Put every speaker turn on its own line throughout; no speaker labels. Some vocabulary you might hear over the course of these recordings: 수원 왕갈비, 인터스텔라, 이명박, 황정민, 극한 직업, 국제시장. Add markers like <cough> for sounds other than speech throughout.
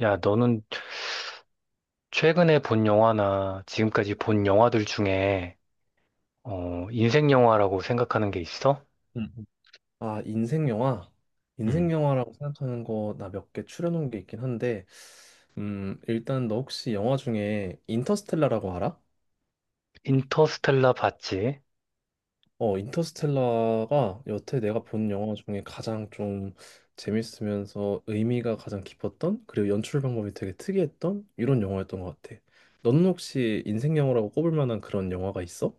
야, 너는 최근에 본 영화나 지금까지 본 영화들 중에 인생 영화라고 생각하는 게 있어?
음, 아, 인생 영화? 인생
음.
영화라고 생각하는 거 나 몇 개 추려놓은 게 있긴 한데, 일단 너 혹시 영화 중에 인터스텔라라고 알아?
인터스텔라 봤지?
인터스텔라가 여태 내가 본 영화 중에 가장 좀 재밌으면서 의미가 가장 깊었던, 그리고 연출 방법이 되게 특이했던 이런 영화였던 것 같아. 너는 혹시 인생 영화라고 꼽을 만한 그런 영화가 있어?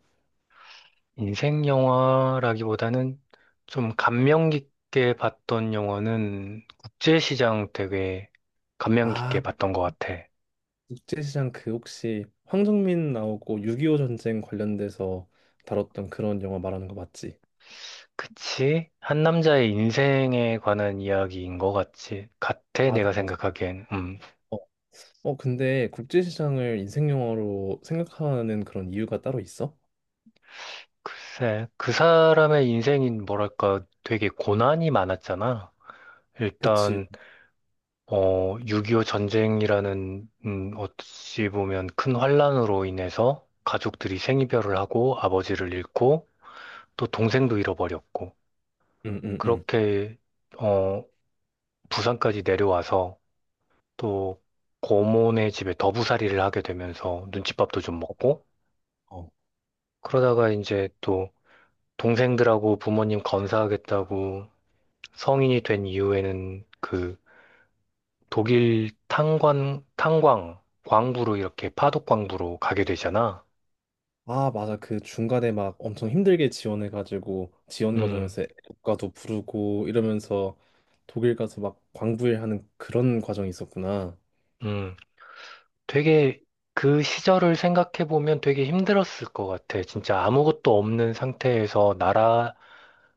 인생 영화라기보다는 좀 감명 깊게 봤던 영화는 국제시장 되게 감명 깊게
아,
봤던 것 같아.
국제시장 그 혹시 황정민 나오고 6.25 전쟁 관련돼서 다뤘던 그런 영화 말하는 거 맞지?
그치? 한 남자의 인생에 관한 이야기인 것 같지? 같아,
맞아,
내가
맞아.
생각하기엔. 음.
어, 근데 국제시장을 인생 영화로 생각하는 그런 이유가 따로 있어?
글쎄, 그 사람의 인생인 뭐랄까 되게 고난이 많았잖아.
그치.
일단, 6.25 전쟁이라는, 어찌 보면 큰 환란으로 인해서 가족들이 생이별을 하고 아버지를 잃고 또 동생도 잃어버렸고
응, 응, 응.
그렇게, 어, 부산까지 내려와서 또 고모네 집에 더부살이를 하게 되면서 눈칫밥도 좀
어,
먹고
어.
그러다가 이제 또 동생들하고 부모님 건사하겠다고 성인이 된 이후에는 그 독일 탄광, 광부로 이렇게 파독광부로 가게 되잖아.
아, 맞아. 그 중간에 막 엄청 힘들게 지원해가지고 지원
음,
과정에서 애국가도 부르고 이러면서 독일 가서 막 광부일하는 그런 과정이 있었구나.
음. 되게 그 시절을 생각해보면 되게 힘들었을 것 같아. 진짜 아무것도 없는 상태에서 나라,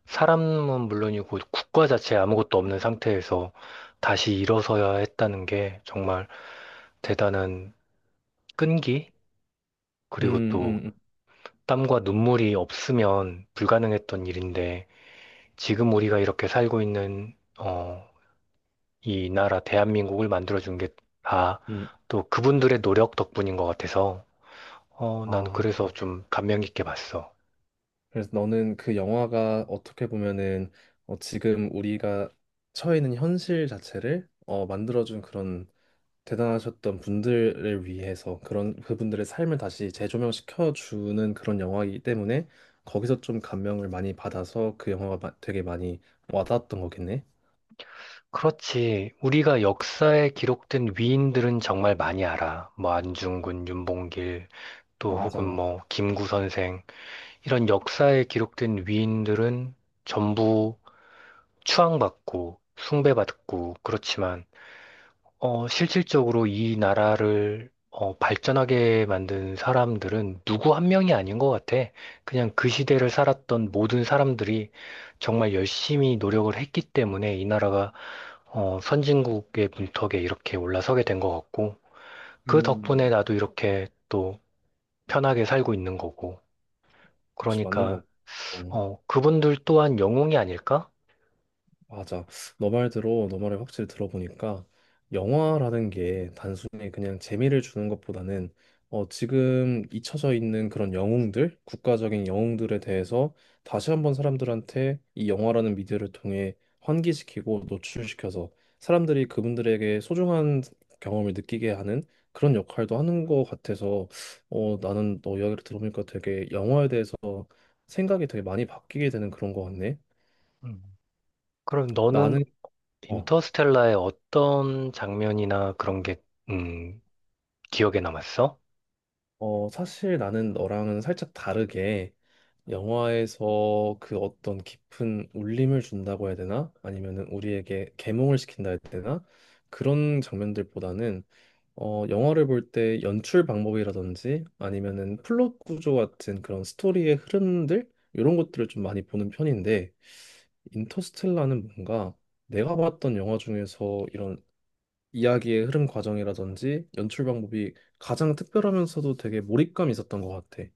사람은 물론이고 국가 자체에 아무것도 없는 상태에서 다시 일어서야 했다는 게 정말 대단한 끈기?
음,
그리고 또
음, 음.
땀과 눈물이 없으면 불가능했던 일인데 지금 우리가 이렇게 살고 있는 이 나라 대한민국을 만들어준 게 다
음.
또 그분들의 노력 덕분인 것 같아서 난
아.
그래서 좀 감명 깊게 봤어.
그래서 너는 그 영화가 어떻게 보면은 지금 우리가 처해 있는 현실 자체를 만들어준 그런 대단하셨던 분들을 위해서 그런 그분들의 삶을 다시 재조명시켜 주는 그런 영화이기 때문에 거기서 좀 감명을 많이 받아서 그 영화가 되게 많이 와닿았던 거겠네.
그렇지. 우리가 역사에 기록된 위인들은 정말 많이 알아. 뭐 안중근, 윤봉길, 또
맞아.
혹은
맞아.
뭐 김구 선생 이런 역사에 기록된 위인들은 전부 추앙받고 숭배받고 그렇지만 실질적으로 이 나라를 발전하게 만든 사람들은 누구 한 명이 아닌 것 같아. 그냥 그 시대를 살았던 모든 사람들이 정말 열심히 노력을 했기 때문에 이 나라가 선진국의 문턱에 이렇게 올라서게 된 것 같고, 그 덕분에
음,
나도 이렇게 또 편하게 살고 있는 거고.
그치, 맞는 거
그러니까
같고.
그분들 또한 영웅이 아닐까?
맞아. 너 말대로 너 말을 확실히 들어보니까 영화라는 게 단순히 그냥 재미를 주는 것보다는 지금 잊혀져 있는 그런 영웅들, 국가적인 영웅들에 대해서 다시 한번 사람들한테 이 영화라는 미디어를 통해 환기시키고 노출시켜서 사람들이 그분들에게 소중한 경험을 느끼게 하는 그런 역할도 하는 것 같아서 나는 너 이야기를 들어보니까 되게 영화에 대해서 생각이 되게 많이 바뀌게 되는 그런 것 같네.
음. 그럼 너는
나는 어,
인터스텔라의 어떤 장면이나 그런 게 음, 기억에 남았어?
사실 나는 너랑은 살짝 다르게 영화에서 그 어떤 깊은 울림을 준다고 해야 되나? 아니면은 우리에게 계몽을 시킨다 해야 되나? 그런 장면들보다는 영화를 볼 때 연출 방법이라든지 아니면은 플롯 구조 같은 그런 스토리의 흐름들 이런 것들을 좀 많이 보는 편인데 인터스텔라는 뭔가 내가 봤던 영화 중에서 이런 이야기의 흐름 과정이라든지 연출 방법이 가장 특별하면서도 되게 몰입감이 있었던 것 같아.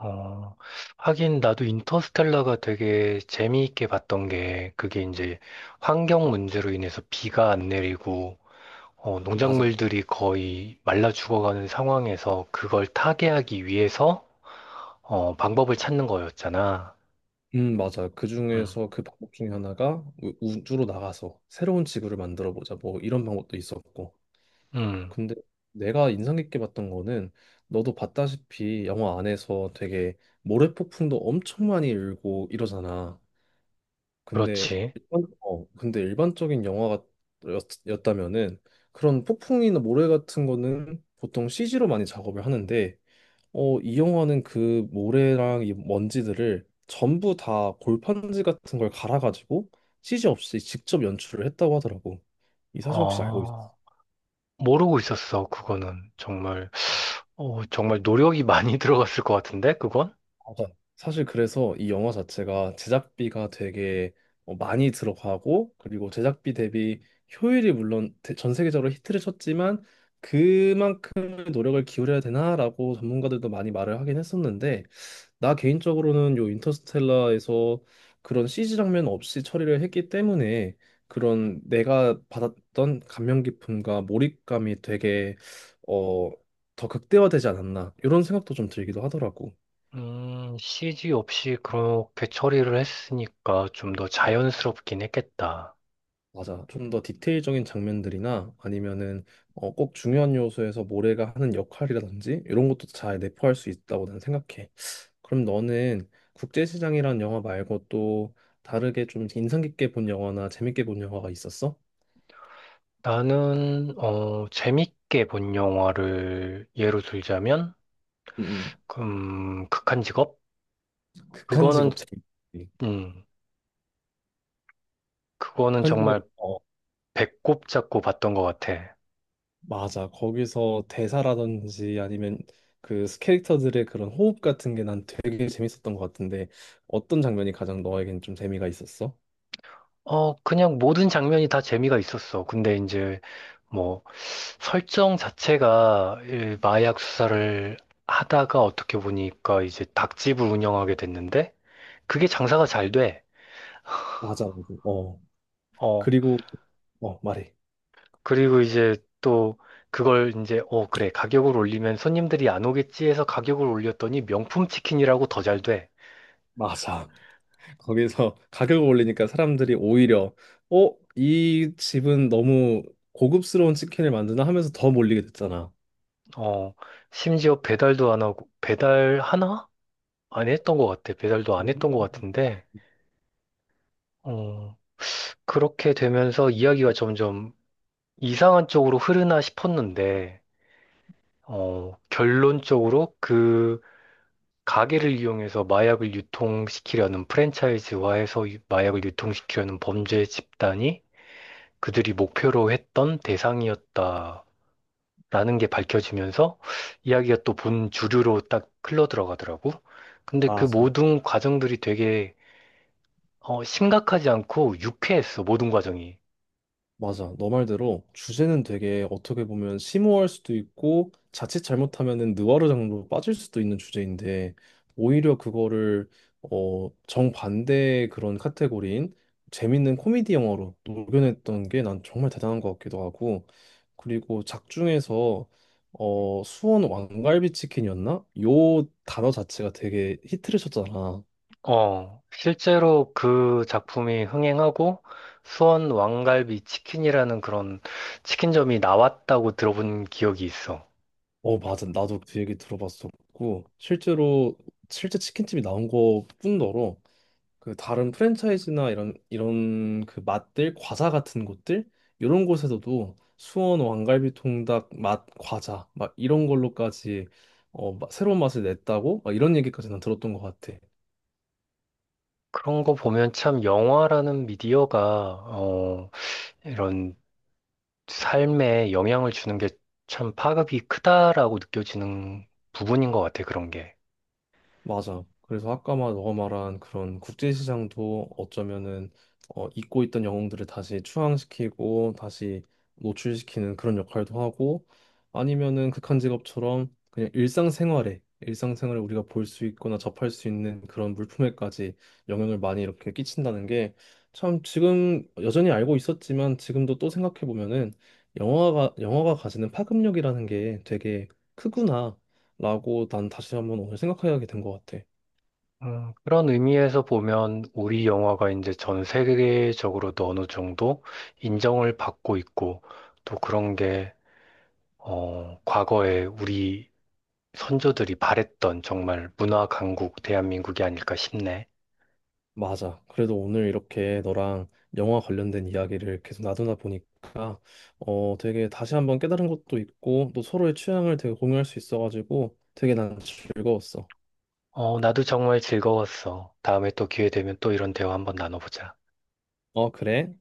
어, 하긴 나도 인터스텔라가 되게 재미있게 봤던 게 그게 이제 환경 문제로 인해서 비가 안 내리고
맞아.
농작물들이 거의 말라 죽어가는 상황에서 그걸 타개하기 위해서 방법을 찾는 거였잖아.
맞아. 그
음,
중에서 그 방법 중에 하나가 우주로 나가서 새로운 지구를 만들어 보자. 뭐 이런 방법도 있었고.
음,
근데 내가 인상 깊게 봤던 거는 너도 봤다시피 영화 안에서 되게 모래폭풍도 엄청 많이 일고 이러잖아. 근데
그렇지.
근데 일반적인 영화였다면은 그런 폭풍이나 모래 같은 거는 보통 CG로 많이 작업을 하는데 이 영화는 그 모래랑 이 먼지들을 전부 다 골판지 같은 걸 갈아가지고 CG 없이 직접 연출을 했다고 하더라고. 이 사실 혹시 알고 있어?
어, 모르고 있었어. 그거는 정말 정말 노력이 많이 <laughs> 들어갔을 것 같은데 그건?
맞아. 사실 그래서 이 영화 자체가 제작비가 되게 많이 들어가고 그리고 제작비 대비 효율이 물론 전 세계적으로 히트를 쳤지만 그만큼의 노력을 기울여야 되나라고 전문가들도 많이 말을 하긴 했었는데 나 개인적으로는 요 인터스텔라에서 그런 CG 장면 없이 처리를 했기 때문에 그런 내가 받았던 감명 깊음과 몰입감이 되게 어, 더 극대화되지 않았나 이런 생각도 좀 들기도 하더라고.
CG 없이 그렇게 처리를 했으니까 좀 더 자연스럽긴 했겠다.
맞아. 좀 더 디테일적인 장면들이나 아니면은 꼭 중요한 요소에서 모래가 하는 역할이라든지 이런 것도 잘 내포할 수 있다고 나는 생각해. 그럼 너는 국제시장이란 영화 말고 또 다르게 좀 인상 깊게 본 영화나 재밌게 본 영화가 있었어?
나는, 재밌게 본 영화를 예로 들자면,
응 응.
극한 직업?
극한
그거는,
직업 재밌지.
음, 그거는
극한 직업
정말 배꼽 잡고 봤던 것 같아.
맞아. 거기서 대사라든지 아니면 그 캐릭터들의 그런 호흡 같은 게 난 되게 재밌었던 것 같은데 어떤 장면이 가장 너에겐 좀 재미가 있었어?
어, 그냥 모든 장면이 다 재미가 있었어. 근데 이제, 뭐, 설정 자체가 이 마약 수사를 하다가 어떻게 보니까 이제 닭집을 운영하게 됐는데, 그게 장사가 잘 돼.
맞아, 맞아. 어.
어,
그리고 어, 말해.
그리고 이제 또 그걸 이제, 어, 그래, 가격을 올리면 손님들이 안 오겠지 해서 가격을 올렸더니 명품 치킨이라고 더 잘 돼.
맞아. 거기서 <laughs> 가격을 올리니까 사람들이 오히려 이 집은 너무 고급스러운 치킨을 만드나 하면서 더 몰리게 됐잖아.
어, 심지어 배달도 안 하고, 배달 하나? 안 했던 것 같아. 배달도 안 했던 것
네.
같은데, 어, 그렇게 되면서 이야기가 점점 이상한 쪽으로 흐르나 싶었는데, 어, 결론적으로 그 가게를 이용해서 마약을 유통시키려는 프랜차이즈화해서 마약을 유통시키려는 범죄 집단이 그들이 목표로 했던 대상이었다라는 게 밝혀지면서 이야기가 또 본 주류로 딱 흘러 들어가더라고. 근데 그
맞아.
모든 과정들이 되게 심각하지 않고 유쾌했어, 모든 과정이.
맞아. 너 말대로 주제는 되게 어떻게 보면 심오할 수도 있고 자칫 잘못하면은 느와르 장르로 빠질 수도 있는 주제인데 오히려 그거를 정반대의 그런 카테고리인 재밌는 코미디 영화로 녹여냈던 게 난 정말 대단한 것 같기도 하고 그리고 작중에서 수원 왕갈비 치킨이었나? 요 단어 자체가 되게 히트를 쳤잖아.
어, 실제로 그 작품이 흥행하고 수원 왕갈비 치킨이라는 그런 치킨점이 나왔다고 들어본 기억이 있어.
어, 맞아. 나도 그 얘기 들어봤었고, 실제로, 실제 치킨집이 나온 것뿐더러, 그 다른 프랜차이즈나 이런, 이런 그 맛들, 과자 같은 곳들, 이런 곳에서도 수원 왕갈비 통닭 맛 과자, 막 이런 걸로까지 새로운 맛을 냈다고? 막 이런 얘기까지 난 들었던 것 같아.
그런 거 보면 참 영화라는 미디어가 이런 삶에 영향을 주는 게 참 파급이 크다라고 느껴지는 부분인 것 같아, 그런 게.
맞아. 그래서 아까 말 너가 말한 그런 국제시장도 어쩌면은 잊고 있던 영웅들을 다시 추앙시키고 다시 노출시키는 그런 역할도 하고 아니면은 극한 직업처럼 그냥 일상생활에 일상생활에 우리가 볼 수 있거나 접할 수 있는 그런 물품에까지 영향을 많이 이렇게 끼친다는 게 참 지금 여전히 알고 있었지만 지금도 또 생각해 보면은 영화가 영화가 가지는 파급력이라는 게 되게 크구나. 라고 난 다시 한번 오늘 생각하게 된 것 같아.
그런 의미에서 보면 우리 영화가 이제 전 세계적으로도 어느 정도 인정을 받고 있고 또 그런 게 과거에 우리 선조들이 바랬던 정말 문화 강국 대한민국이 아닐까 싶네.
맞아. 그래도 오늘 이렇게 너랑 영화 관련된 이야기를 계속 나누다 보니까 되게 다시 한번 깨달은 것도 있고 또 서로의 취향을 되게 공유할 수 있어가지고 되게 난 즐거웠어.
어, 나도 정말 즐거웠어. 다음에 또 기회 되면 또 이런 대화 한번 나눠보자.
어, 그래?